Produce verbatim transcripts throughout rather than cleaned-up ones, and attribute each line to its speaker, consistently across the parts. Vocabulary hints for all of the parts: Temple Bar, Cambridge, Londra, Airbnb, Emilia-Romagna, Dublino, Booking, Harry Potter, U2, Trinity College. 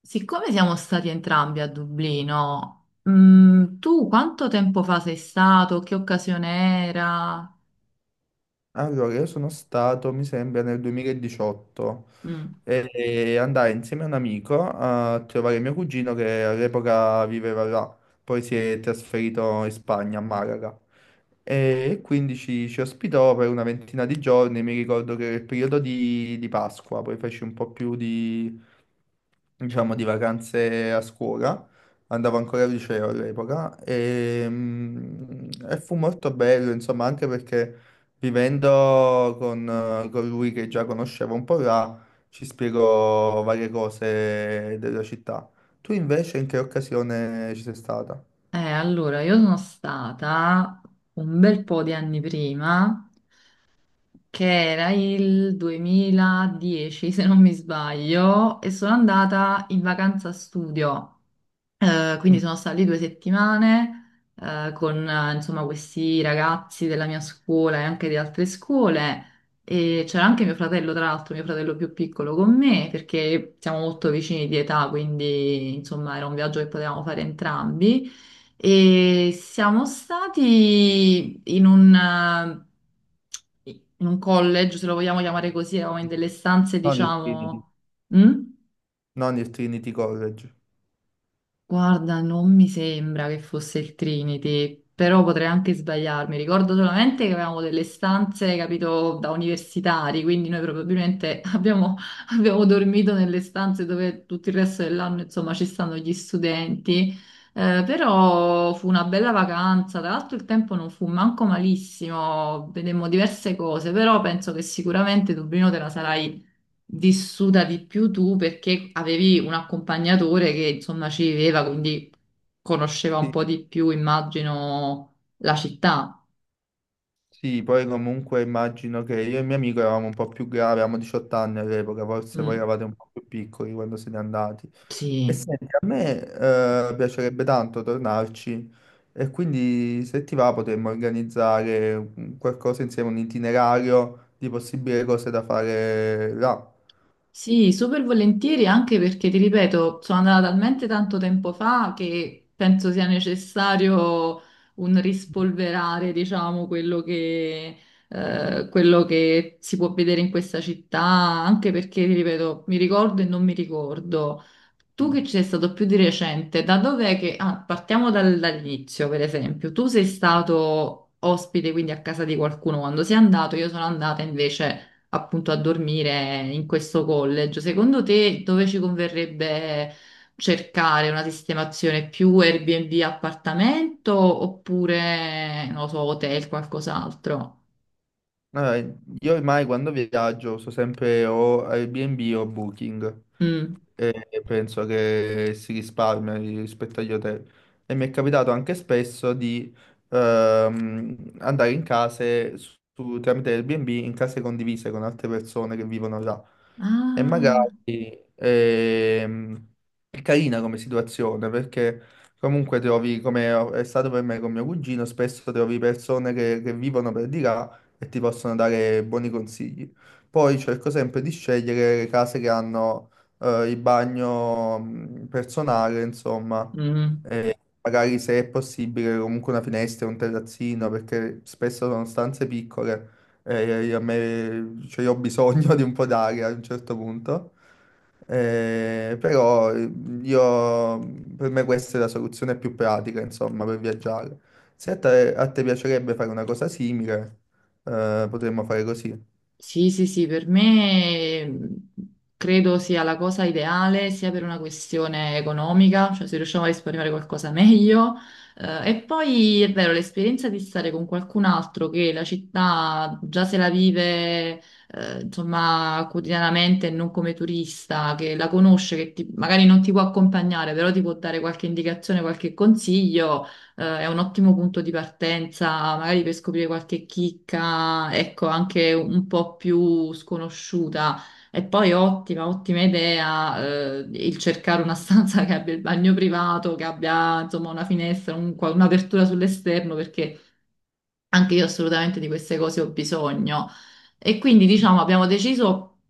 Speaker 1: Siccome siamo stati entrambi a Dublino, mm, tu quanto tempo fa sei stato? Che occasione era?
Speaker 2: Allora, io sono stato, mi sembra, nel duemiladiciotto
Speaker 1: Mm.
Speaker 2: e e andai insieme a un amico a trovare mio cugino che all'epoca viveva là, poi si è trasferito in Spagna, a Malaga. E quindi ci, ci ospitò per una ventina di giorni. Mi ricordo che era il periodo di, di Pasqua, poi feci un po' più di, diciamo, di vacanze a scuola. Andavo ancora al liceo all'epoca e, mm, e fu molto bello, insomma, anche perché vivendo con, eh, con lui che già conoscevo un po' là, ci spiego varie cose della città. Tu invece in che occasione ci sei stata?
Speaker 1: Eh, allora, io sono stata un bel po' di anni prima, che era il duemiladieci, se non mi sbaglio, e sono andata in vacanza studio. Eh, quindi
Speaker 2: Mm.
Speaker 1: sono stata lì due settimane eh, con eh, insomma questi ragazzi della mia scuola e anche di altre scuole e c'era anche mio fratello, tra l'altro, mio fratello più piccolo con me perché siamo molto vicini di età, quindi insomma era un viaggio che potevamo fare entrambi e siamo stati in un, eh, in un college, se lo vogliamo chiamare così, eravamo in delle stanze,
Speaker 2: Non il Trinity.
Speaker 1: diciamo... Mm?
Speaker 2: Non il Trinity College.
Speaker 1: Guarda, non mi sembra che fosse il Trinity, però potrei anche sbagliarmi. Ricordo solamente che avevamo delle stanze, capito, da universitari, quindi noi probabilmente abbiamo, abbiamo dormito nelle stanze dove tutto il resto dell'anno, insomma, ci stanno gli studenti. Eh, però fu una bella vacanza, tra l'altro il tempo non fu manco malissimo, vedemmo diverse cose, però penso che sicuramente Dublino te la sarai vissuta di più tu perché avevi un accompagnatore che insomma ci viveva, quindi conosceva un
Speaker 2: Sì,
Speaker 1: po' di più, immagino, la città.
Speaker 2: sì, poi comunque immagino che io e mio amico eravamo un po' più gravi, avevamo diciotto anni all'epoca, forse voi
Speaker 1: Mm,
Speaker 2: eravate un po' più piccoli quando siete andati. E
Speaker 1: sì.
Speaker 2: senti, a me eh, piacerebbe tanto tornarci, e quindi se ti va potremmo organizzare un- qualcosa insieme, un itinerario di possibili cose da fare là.
Speaker 1: Sì, super volentieri anche perché ti ripeto, sono andata talmente tanto tempo fa che penso sia necessario un rispolverare, diciamo, quello che, eh, quello che si può vedere in questa città, anche perché, ti ripeto, mi ricordo e non mi ricordo. Tu che
Speaker 2: Mm.
Speaker 1: ci sei stato più di recente, da dov'è che... Ah, partiamo dal- dall'inizio, per esempio. Tu sei stato ospite, quindi a casa di qualcuno quando sei andato, io sono andata invece appunto a dormire in questo college. Secondo te dove ci converrebbe cercare una sistemazione più Airbnb appartamento oppure, non lo so, hotel, qualcos'altro?
Speaker 2: Allora, io ormai quando viaggio so sempre o Airbnb o Booking,
Speaker 1: Mm.
Speaker 2: e penso che si risparmia rispetto agli hotel. E mi è capitato anche spesso di ehm, andare in case su, tramite Airbnb, in case condivise con altre persone che vivono là. E
Speaker 1: Ah,
Speaker 2: magari ehm, è carina come situazione, perché comunque trovi, come è stato per me con mio cugino, spesso trovi persone che, che vivono per di là e ti possono dare buoni consigli. Poi cerco sempre di scegliere le case che hanno eh, il bagno mh, personale, insomma,
Speaker 1: mm.
Speaker 2: e magari se è possibile comunque una finestra, un terrazzino, perché spesso sono stanze piccole e io- a me, cioè, io ho bisogno di un po' d'aria a un certo punto. Eh, però eh, io, per me questa è la soluzione più pratica, insomma, per viaggiare. Se a te, a te piacerebbe fare una cosa simile, eh, potremmo fare così.
Speaker 1: Sì, sì, sì, per me mh, credo sia la cosa ideale sia per una questione economica, cioè se riusciamo a risparmiare qualcosa meglio. Eh, e poi è vero, l'esperienza di stare con qualcun altro che la città già se la vive, eh, insomma, quotidianamente e non come turista, che la conosce, che ti- magari non ti può accompagnare, però ti può dare qualche indicazione, qualche consiglio, eh, è un ottimo punto di partenza, magari per scoprire qualche chicca, ecco, anche un po' più sconosciuta. E poi ottima, ottima idea, eh, il cercare una stanza che abbia il bagno privato, che abbia insomma una finestra, un- qua- un'apertura sull'esterno, perché anche io assolutamente di queste cose ho bisogno. E quindi, diciamo, abbiamo deciso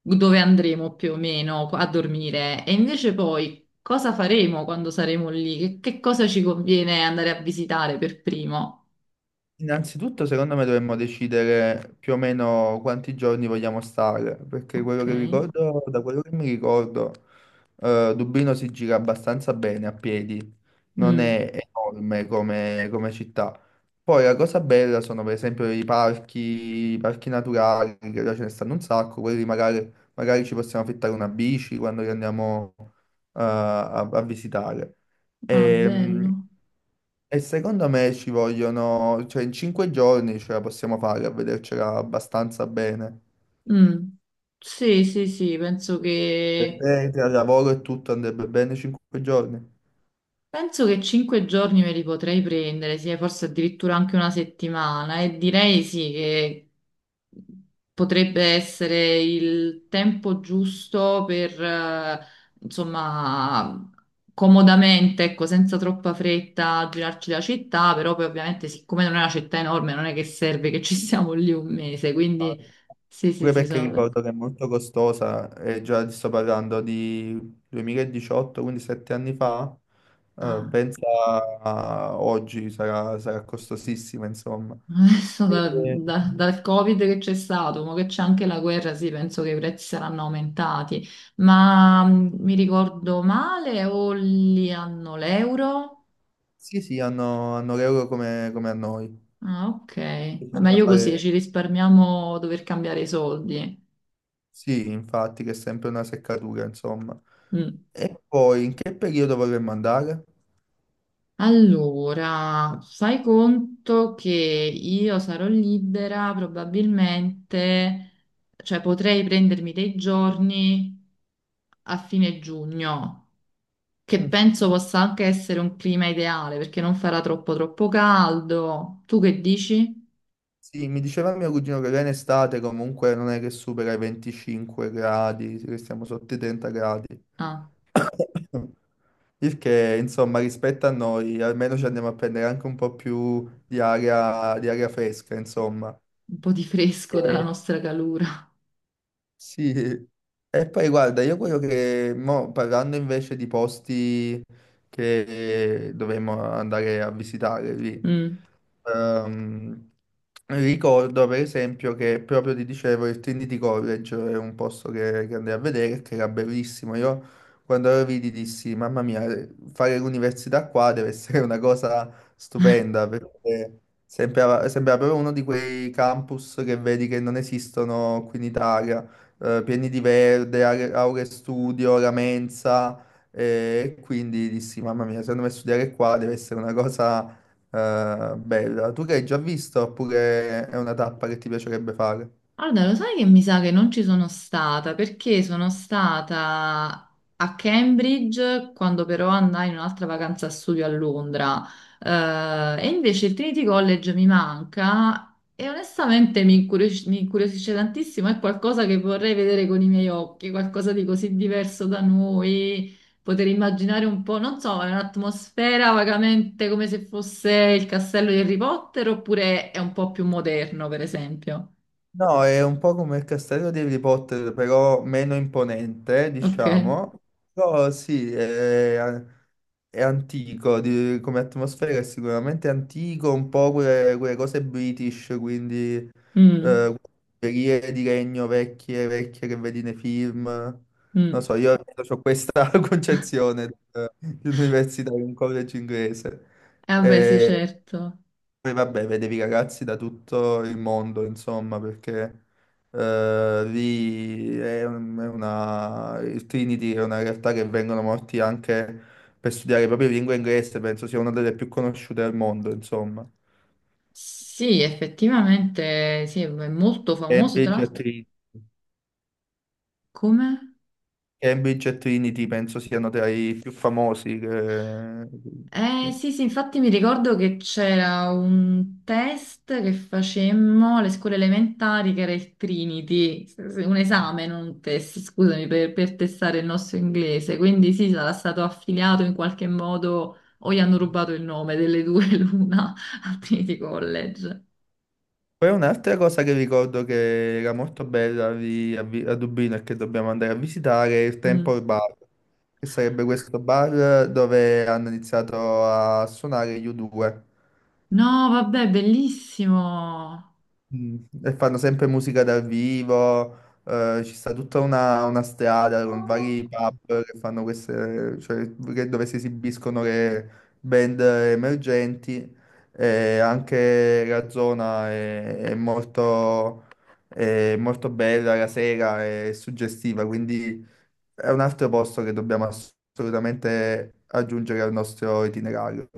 Speaker 1: dove andremo più o meno a dormire. E invece poi cosa faremo quando saremo lì? Che, che cosa ci conviene andare a visitare per primo?
Speaker 2: Innanzitutto, secondo me, dovremmo decidere più o meno quanti giorni vogliamo stare, perché quello
Speaker 1: Ok.
Speaker 2: che ricordo, da quello che mi ricordo, eh, Dublino si gira abbastanza bene a piedi, non
Speaker 1: Mm.
Speaker 2: è enorme come, come città. Poi la cosa bella sono per esempio i parchi, i parchi naturali, che là ce ne stanno un sacco. Quelli magari, magari ci possiamo affittare una bici quando li andiamo eh, a, a visitare.
Speaker 1: Ah,
Speaker 2: Ehm,
Speaker 1: bello.
Speaker 2: E secondo me ci vogliono, cioè in cinque giorni ce la possiamo fare a vedercela abbastanza bene.
Speaker 1: Mm. Sì, sì, sì, penso
Speaker 2: Per
Speaker 1: che
Speaker 2: te, tra lavoro e tutto andrebbe bene cinque giorni?
Speaker 1: penso che cinque giorni me li potrei prendere, sì, forse addirittura anche una settimana, e direi sì che potrebbe essere il tempo giusto per, eh, insomma, comodamente, ecco, senza troppa fretta, girarci la città, però poi ovviamente siccome non è una città enorme, non è che serve che ci siamo lì un mese, quindi sì, sì,
Speaker 2: Pure
Speaker 1: sì,
Speaker 2: perché sì,
Speaker 1: sono
Speaker 2: ricordo che è molto costosa, e già ti sto parlando di duemiladiciotto, quindi sette anni fa. Eh,
Speaker 1: d'accordo.
Speaker 2: pensa a oggi, sarà, sarà costosissima, insomma.
Speaker 1: Adesso da-
Speaker 2: Eh,
Speaker 1: da- dal Covid che c'è stato, mo che c'è anche la guerra, sì, penso che i prezzi saranno aumentati, ma mh, mi ricordo male o li hanno l'euro?
Speaker 2: sì, sì, hanno, hanno l'euro come, come a noi.
Speaker 1: Ah, ok, ma
Speaker 2: Bisogna
Speaker 1: meglio così,
Speaker 2: fare,
Speaker 1: ci risparmiamo dover cambiare i soldi.
Speaker 2: sì, infatti, che è sempre una seccatura, insomma.
Speaker 1: Mm.
Speaker 2: E poi, in che periodo vorremmo andare?
Speaker 1: Allora, fai conto che io sarò libera probabilmente, cioè potrei prendermi dei giorni a fine giugno, che penso
Speaker 2: Mm.
Speaker 1: possa anche essere un clima ideale perché non farà troppo troppo caldo. Tu che dici?
Speaker 2: Sì, mi diceva mio cugino che là in estate comunque non è che supera i venticinque gradi, che stiamo sotto i trenta gradi.
Speaker 1: Ah,
Speaker 2: Il che, insomma, rispetto a noi, almeno ci andiamo a prendere anche un po' più di aria, di aria fresca, insomma.
Speaker 1: un po' di fresco dalla
Speaker 2: Eh,
Speaker 1: nostra calura.
Speaker 2: Sì, e poi guarda, io quello che, mo, parlando invece di posti che dovremmo andare a visitare lì,
Speaker 1: Mm.
Speaker 2: ehm, ricordo per esempio che proprio ti dicevo il Trinity College è un posto che, che andai a vedere, che era bellissimo. Io quando lo vidi dissi, mamma mia, fare l'università qua deve essere una cosa stupenda, perché sembrava, sembrava proprio uno di quei campus che vedi che non esistono qui in Italia, eh, pieni di verde, are- aule studio, la mensa, e quindi dissi, mamma mia, secondo me studiare qua deve essere una cosa eh, bella. Tu che hai già visto oppure è una tappa che ti piacerebbe fare?
Speaker 1: Allora, lo sai che mi sa che non ci sono stata perché sono stata a Cambridge quando però andai in un'altra vacanza a studio a Londra. Eh, e invece il Trinity College mi manca e onestamente mi incurios- mi incuriosisce tantissimo, è qualcosa che vorrei vedere con i miei occhi, qualcosa di così diverso da noi, poter immaginare un po', non so, è un'atmosfera vagamente come se fosse il castello di Harry Potter oppure è un po' più moderno, per esempio.
Speaker 2: No, è un po' come il castello di Harry Potter, però meno imponente,
Speaker 1: Ok.
Speaker 2: diciamo. Però sì, è, È antico di- come atmosfera, è sicuramente antico, un po' quelle, quelle cose British, quindi eh,
Speaker 1: Mm,
Speaker 2: quelle periere di regno vecchie, vecchie che vedi nei film. Non
Speaker 1: mm.
Speaker 2: so, io ho questa concezione di di un'università, di un college inglese.
Speaker 1: Eh, vabbè, sì,
Speaker 2: Eh,
Speaker 1: certo.
Speaker 2: poi vabbè, vedevi ragazzi da tutto il mondo, insomma, perché eh, lì è un- è una... il Trinity è una realtà che vengono morti anche per studiare proprio lingua inglese, penso sia una delle più conosciute al mondo, insomma.
Speaker 1: Sì, effettivamente, sì, è molto famoso, tra
Speaker 2: Cambridge e
Speaker 1: l'altro.
Speaker 2: Trinity,
Speaker 1: Come?
Speaker 2: Cambridge e Trinity penso siano tra i più famosi. Che...
Speaker 1: Eh, sì, sì, infatti mi ricordo che c'era un test che facemmo alle scuole elementari, che era il Trinity, S- s- un esame, non un test, scusami, per, per testare il nostro inglese. Quindi sì, sarà stato affiliato in qualche modo, o gli hanno rubato il nome delle due l'una al Trinity College.
Speaker 2: Poi un'altra cosa che ricordo che era molto bella lì a, Vi- a Dublino, e che dobbiamo andare a visitare è il Temple
Speaker 1: Mm.
Speaker 2: Bar, che sarebbe questo bar dove hanno iniziato a suonare gli u due.
Speaker 1: No, vabbè, bellissimo.
Speaker 2: Mm, e fanno sempre musica dal vivo, eh, ci sta tutta una, una strada con vari pub che fanno queste, cioè, che- dove si esibiscono le band emergenti, e anche la zona è, è molto, è molto bella la sera, è suggestiva, quindi è un altro posto che dobbiamo assolutamente aggiungere al nostro itinerario.